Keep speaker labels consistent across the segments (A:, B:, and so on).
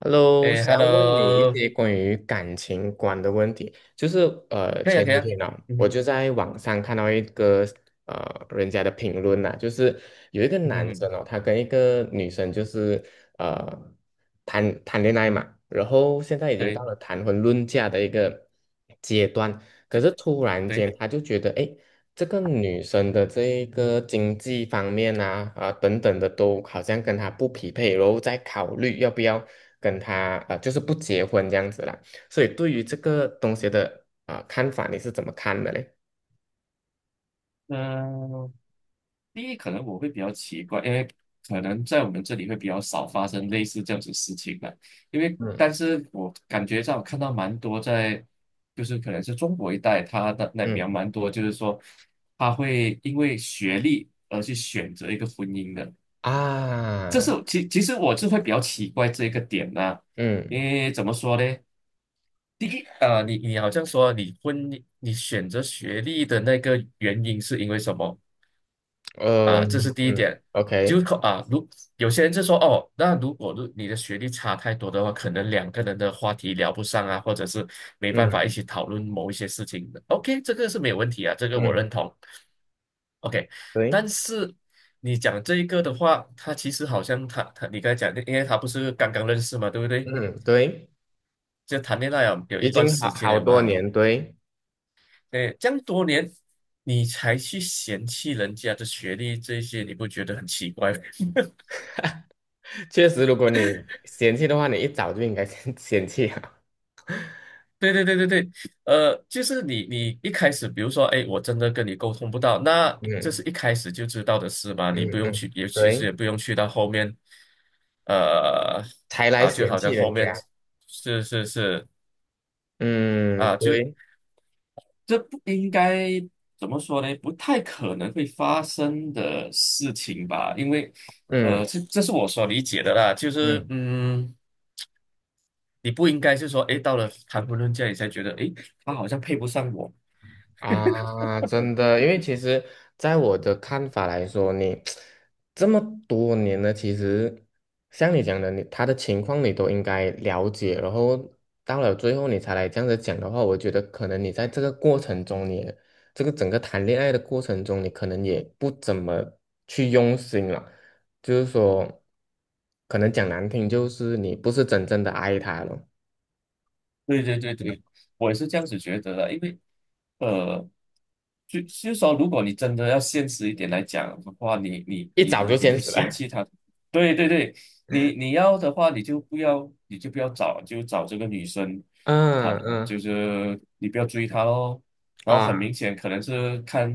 A: Hello，
B: 诶 h e
A: 想
B: l
A: 要
B: l
A: 问你一
B: o
A: 些关于感情观的问题，就是
B: 可以啊，
A: 前
B: 可以
A: 几
B: 啊。
A: 天呢、
B: 嗯
A: 我
B: 哼。
A: 就在网上看到一个人家的评论呐、就是有一个
B: 嗯哼嗯
A: 男生
B: 哼。
A: 哦，他跟一个女生就是呃谈谈恋爱嘛，然后现在已经
B: 对。
A: 到了谈婚论嫁的一个阶段，可
B: 对。
A: 是突然
B: 对。
A: 间他就觉得，哎，这个女生的这一个经济方面等等的都好像跟她不匹配，然后再考虑要不要跟她就是不结婚这样子啦。所以对于这个东西的啊、看法，你是怎么看的嘞？
B: 嗯、第一可能我会比较奇怪，因为可能在我们这里会比较少发生类似这样子事情的，因为
A: 嗯
B: 但是我感觉上看到蛮多在，就是可能是中国一带，他的那边
A: 嗯
B: 蛮多，就是说他会因为学历而去选择一个婚姻的，这是
A: 啊
B: 其实我是会比较奇怪这个点呢、因
A: 嗯
B: 为怎么说呢？第一啊，你好像说你婚姻你选择学历的那个原因是因为什么啊？这是
A: 嗯
B: 第一
A: 嗯
B: 点，就
A: OK
B: 可啊，如有些人就说哦，那如果如你的学历差太多的话，可能两个人的话题聊不上啊，或者是没办
A: 嗯
B: 法一起讨论某一些事情的 OK，这个是没有问题啊，这个我
A: 嗯
B: 认同。OK，但
A: 对
B: 是你讲这一个的话，他其实好像他你刚才讲的，因为他不是刚刚认识嘛，对不对？
A: 嗯对，
B: 就谈恋爱有一
A: 已
B: 段
A: 经
B: 时
A: 好
B: 间
A: 好
B: 了
A: 多
B: 嘛。
A: 年对，
B: 哎，这样多年你才去嫌弃人家的学历这些，你不觉得很奇怪吗？
A: 确实如果你嫌弃的话，你一早就应该先 嫌弃啊。
B: 对对对对对。就是你一开始，比如说，哎，我真的跟你沟通不到，那这是
A: 嗯
B: 一开始就知道的事嘛，你不
A: 嗯
B: 用
A: 嗯，
B: 去，也其实也
A: 对。
B: 不用去到后面。呃，
A: 才来
B: 啊，就
A: 嫌
B: 好
A: 弃
B: 像后
A: 人
B: 面
A: 家。
B: 是是是。啊，
A: 嗯，
B: 就
A: 对，
B: 这不应该怎么说呢？不太可能会发生的事情吧？因为，
A: 嗯
B: 这这是我所理解的啦。就是，
A: 嗯
B: 嗯，你不应该是说，诶，到了谈婚论嫁，你才觉得，诶，他好像配不上我。
A: 啊，真的，因为其实在我的看法来说，你 这么多年了，其实像你讲的，他的情况你都应该了解，然后到了最后你才来这样子讲的话，我觉得可能你在这个过程中你，这个整个谈恋爱的过程中，你可能也不怎么去用心了。就是说，可能讲难听，就是你不是真正的爱他了。
B: 对对对对，我也是这样子觉得的，因为呃，就是说，如果你真的要现实一点来讲的话，你你
A: 一
B: 你
A: 早就
B: 你
A: 先
B: 去
A: 死
B: 嫌
A: 了。
B: 弃他。对对对，你你要的话，你就不要，你就不要找，就找这个女生，她
A: 嗯
B: 就
A: 嗯
B: 是你不要追她咯。然后很
A: 啊，
B: 明显，可能是看，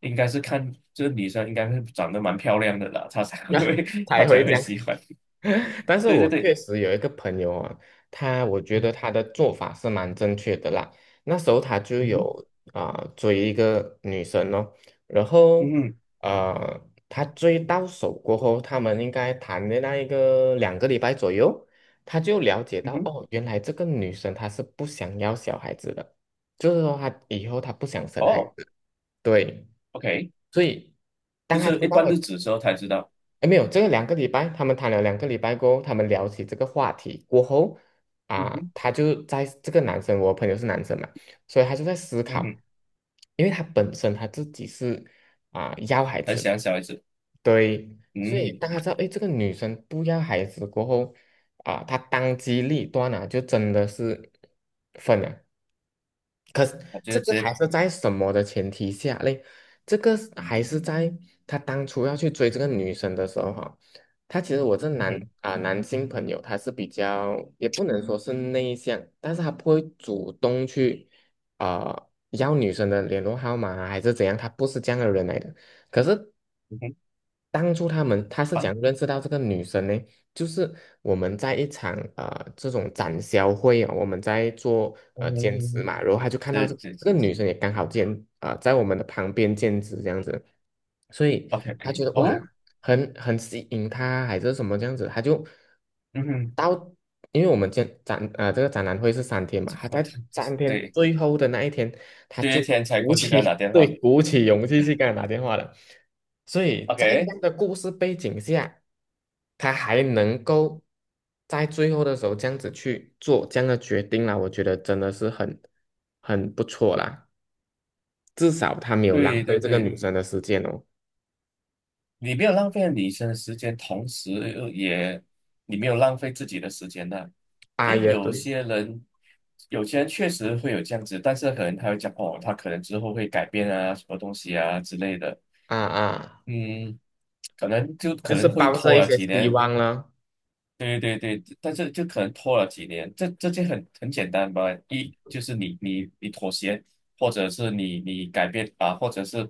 B: 应该是看这个女生应该是长得蛮漂亮的啦，她才
A: 那
B: 会 她
A: 才会
B: 才
A: 这
B: 会
A: 样。
B: 喜欢。
A: 但是
B: 对对
A: 我
B: 对。
A: 确实有一个朋友啊，他我觉得他的做法是蛮正确的啦。那时候他就
B: 嗯。
A: 有啊、追一个女生哦，然
B: 嗯
A: 后
B: 哼
A: 呃，他追到手过后，他们应该谈的那一个两个礼拜左右，他就了解
B: 嗯
A: 到
B: 哼嗯哼。
A: 哦，原来这个女生她是不想要小孩子的，就是说她以后她不想生孩
B: 哦
A: 子。对，
B: ，OK。
A: 所以
B: 就
A: 当他
B: 是
A: 知
B: 一
A: 道
B: 般
A: 了。
B: 日子的时候才知道。
A: 哎，没有，这个两个礼拜，他们谈了两个礼拜过后，他们聊起这个话题过后，
B: 嗯
A: 啊、
B: 哼。
A: 他就在这个男生，我朋友是男生嘛，所以他就在思
B: 嗯哼。
A: 考，因为他本身他自己是啊、要孩
B: 很喜
A: 子，
B: 欢小孩子。
A: 对，所以
B: 嗯。
A: 当他知道，哎，这个女生不要孩子过后，啊、他当机立断啊，就真的是分了，
B: 我觉
A: 这
B: 得
A: 个
B: 这。
A: 还是在什么的前提下嘞？这个是还是在他当初要去追这个女生的时候哈，他其实我这
B: 嗯
A: 男
B: 哼。
A: 啊、男性朋友他是比较也不能说是内向，但是他不会主动去啊、要女生的联络号码啊还是怎样，他不是这样的人来的。可是
B: 嗯哼。
A: 当初他们他是
B: 好。
A: 讲认识到这个女生呢，就是我们在一场这种展销会啊，我们在做兼职
B: 嗯。
A: 嘛，然后他就看到这
B: 这
A: 这个
B: 这
A: 女生也刚好在我们的旁边兼职这样子，所以他觉
B: ，OK。
A: 得哇
B: 哦。
A: 很吸引他还是什么这样子，他就
B: 嗯哼。
A: 到因为我们这个展览会是三天嘛，他
B: 好的。
A: 在三天
B: 对。
A: 最后的那一天，他
B: 这些
A: 就
B: 天才
A: 鼓
B: 过去给他打
A: 起
B: 电话
A: 对鼓起勇气去跟他打电话了。所以在这
B: ，OK。
A: 样的故事背景下，他还能够在最后的时候这样子去做这样的决定啦，我觉得真的是很不错啦。至少他没有浪
B: 对
A: 费
B: 对
A: 这个
B: 对，
A: 女生的时间哦。
B: 你没有浪费女生的时间，同时又也你没有浪费自己的时间呢、
A: 啊，
B: 诶，
A: 也
B: 有
A: 对，
B: 些人，有些人确实会有这样子，但是可能他会讲哦，他可能之后会改变啊，什么东西啊之类的。
A: 啊，
B: 嗯，可能就可
A: 就是
B: 能会
A: 抱着
B: 拖
A: 一
B: 了
A: 些
B: 几
A: 希
B: 年。
A: 望了。
B: 对对对，但是就可能拖了几年，这这就很简单吧，一就是你妥协，或者是你改变啊，或者是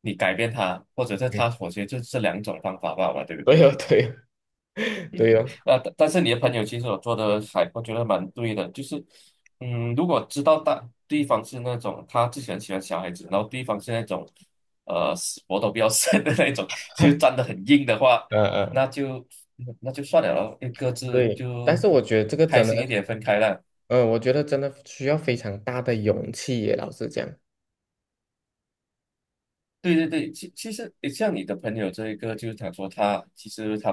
B: 你改变他，或者是
A: 嗯，
B: 他妥协，就这两种方法罢了，对 不
A: 对
B: 对？
A: 哦，对哦，对哦，
B: 但但是你的朋友其实我做的还我觉得蛮对的，就是，嗯，如果知道大对方是那种他自己很喜欢小孩子，然后对方是那种，死活都不要生的那种，就站得很硬的话，
A: 嗯
B: 那
A: 嗯，
B: 就那就算了咯，各自
A: 对。但
B: 就
A: 是我觉得这个
B: 开
A: 真
B: 心一点
A: 的。
B: 分开了。
A: 我觉得真的需要非常大的勇气耶，老实讲。
B: 对对对，其其实诶像你的朋友这一个，就是他说他其实他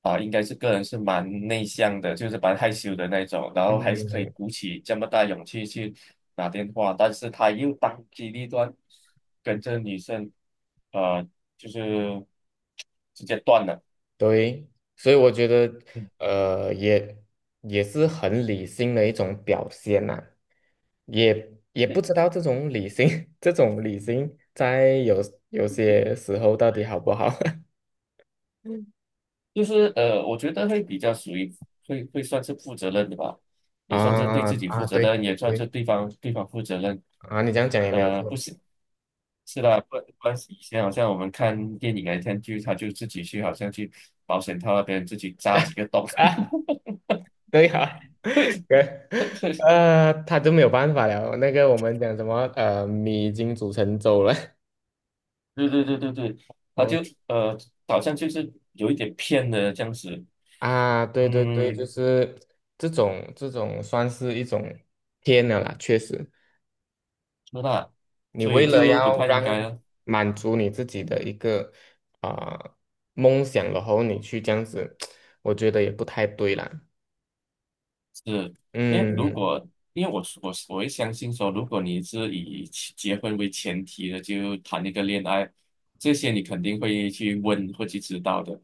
B: 啊，应该是个人是蛮内向的，就是蛮害羞的那种，然后还是可
A: 嗯，
B: 以鼓起这么大勇气去打电话，但是他又当机立断跟这女生，呃，就是直接断了。
A: 对，所以我觉得，
B: 嗯，
A: 呃，也也是很理性的一种表现呐、也不知道这种理性，这种理性在有些时候到底好不好
B: 就是我觉得会比较属于会算是负责任的吧，也算是对
A: 啊
B: 自己负
A: 啊？
B: 责
A: 对
B: 任，也算是
A: 对
B: 对方负责任。
A: 啊，你这样讲也没有
B: 呃，不
A: 错
B: 是。是啦，关系以前好像我们看电影来看剧，他就自己去好像去保险套那边自己扎几个 洞。
A: 啊，对啊，
B: 会
A: 对，
B: 会 会
A: 他就没有办法了。那个我们讲什么，米已经煮成粥了，
B: 对对对对对，他就 呃好像就是有一点骗的这样子。
A: 啊，对对对，
B: 嗯，
A: 就是这种算是一种天了啦，确实，
B: 是啦，
A: 你
B: 所
A: 为
B: 以
A: 了
B: 就不
A: 要
B: 太应该
A: 让
B: 了。
A: 满足你自己的一个啊、梦想，然后你去这样子，我觉得也不太对啦。
B: 是，因为如
A: 嗯
B: 果因为我会相信说，如果你是以其结婚为前提的，就谈一个恋爱，这些你肯定会去问，会去知道的。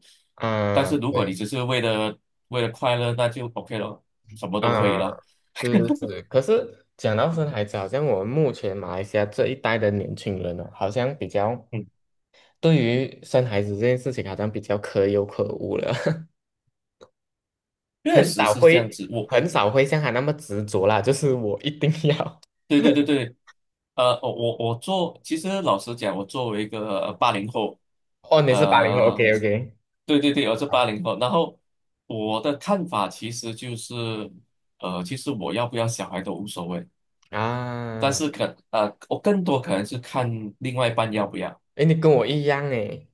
B: 但
A: 啊，
B: 是如果你
A: 对
B: 只是为了为了快乐，那就 OK 了，什么都可以
A: 啊，
B: 了。
A: 是是是。可是讲到生孩子，好像我们目前马来西亚这一代的年轻人呢，好像比较
B: 嗯，
A: 对于生孩子这件事情，好像比较可有可无了。
B: 确
A: 很
B: 实
A: 少
B: 是这样
A: 会
B: 子。我。
A: 很少会像他那么执着啦，就是我一定要。
B: 对对对 对，我做，其实老实讲，我作为一个八零后。
A: 哦，你是80后
B: 呃，
A: ，OK OK，
B: 对对对，我是
A: 好
B: 八零后，然后我的看法其实就是，其实我要不要小孩都无所谓，但
A: 啊，
B: 是可呃，我更多可能是看另外一半要不要。
A: 诶，你跟我一样诶，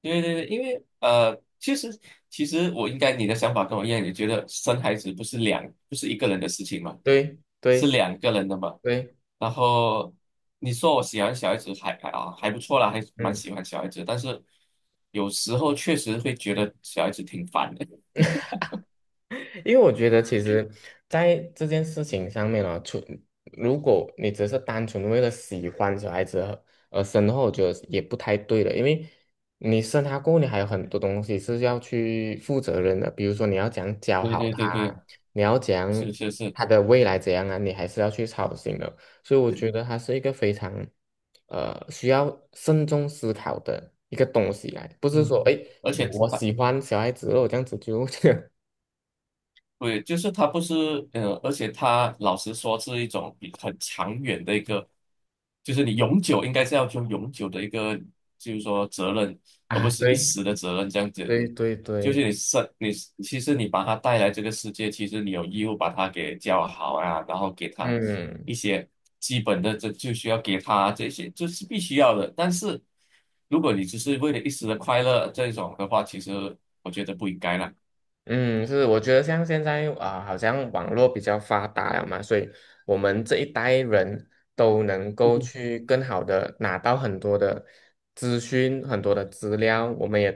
B: 对对对，因为其实其实我应该你的想法跟我一样，你觉得生孩子不是两不是一个人的事情嘛，
A: 对
B: 是
A: 对
B: 两个人的嘛。
A: 对，
B: 然后你说我喜欢小孩子还不错啦，还蛮
A: 嗯。
B: 喜欢小孩子，但是有时候确实会觉得小孩子挺烦的。
A: 因为我觉得其实，在这件事情上面啊，如果你只是单纯为了喜欢小孩子而生的话，我觉得也不太对了。因为你生他过后，你还有很多东西是要去负责任的，比如说你要怎样教
B: 对
A: 好
B: 对
A: 他
B: 对
A: 啊
B: 对，
A: 你要怎样
B: 是是是。
A: 他的未来怎样啊，你还是要去操心的。所以我觉得他是一个非常需要慎重思考的一个东西来，不是
B: 嗯，
A: 说哎
B: 而且
A: 我喜欢小孩子哦，我这样子就
B: 对，就是他不是，而且他老实说是一种比很长远的一个，就是你永久应该是要用永久的一个，就是说责任，而不
A: 啊
B: 是一
A: 对。
B: 时的责任这样子。
A: 对对
B: 就是
A: 对，
B: 你生你，其实你把他带来这个世界，其实你有义务把他给教好啊，然后给他一
A: 嗯，
B: 些基本的，这就需要给他这些，这是必须要的。但是如果你只是为了一时的快乐这种的话，其实我觉得不应该啦。
A: 嗯，是，我觉得像现在啊、好像网络比较发达了嘛，所以我们这一代人都能够去更好的拿到很多的资讯、很多的资料，我们也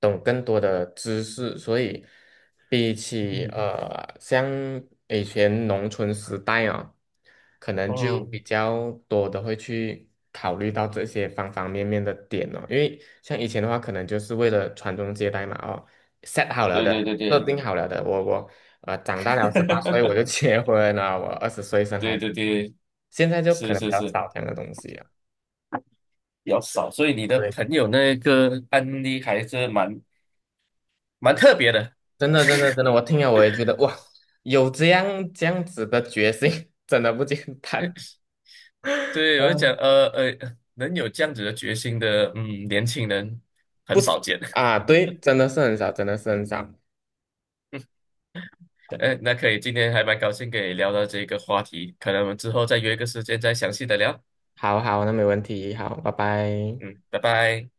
A: 懂更多的知识，所以比起 像以前农村时代哦，可能就
B: 嗯。
A: 比较多的会去考虑到这些方方面面的点哦，因为像以前的话，可能就是为了传宗接代嘛，哦。set 好了
B: 对
A: 的，
B: 对对
A: 设
B: 对。
A: 定好了的。我长大了18岁我 就结婚了，我20岁生
B: 对
A: 孩子，
B: 对对，
A: 现在就可
B: 是
A: 能比
B: 是
A: 较
B: 是，
A: 少这样的东西了。
B: 比较少，所以你的
A: 对，
B: 朋友那个案例还是蛮特别的。
A: 真的真的真的，我听了我也觉得哇，有这样子的决心，真的不简单
B: 对，我就讲，
A: 嗯，
B: 能有这样子的决心的，嗯，年轻人很
A: 不是
B: 少见。
A: 啊，对，真的是很少，真的是很少。对，
B: 哎，那可以，今天还蛮高兴跟你聊到这个话题，可能我们之后再约一个时间再详细的聊。
A: 好好，那没问题，好，拜拜。
B: 嗯，拜拜。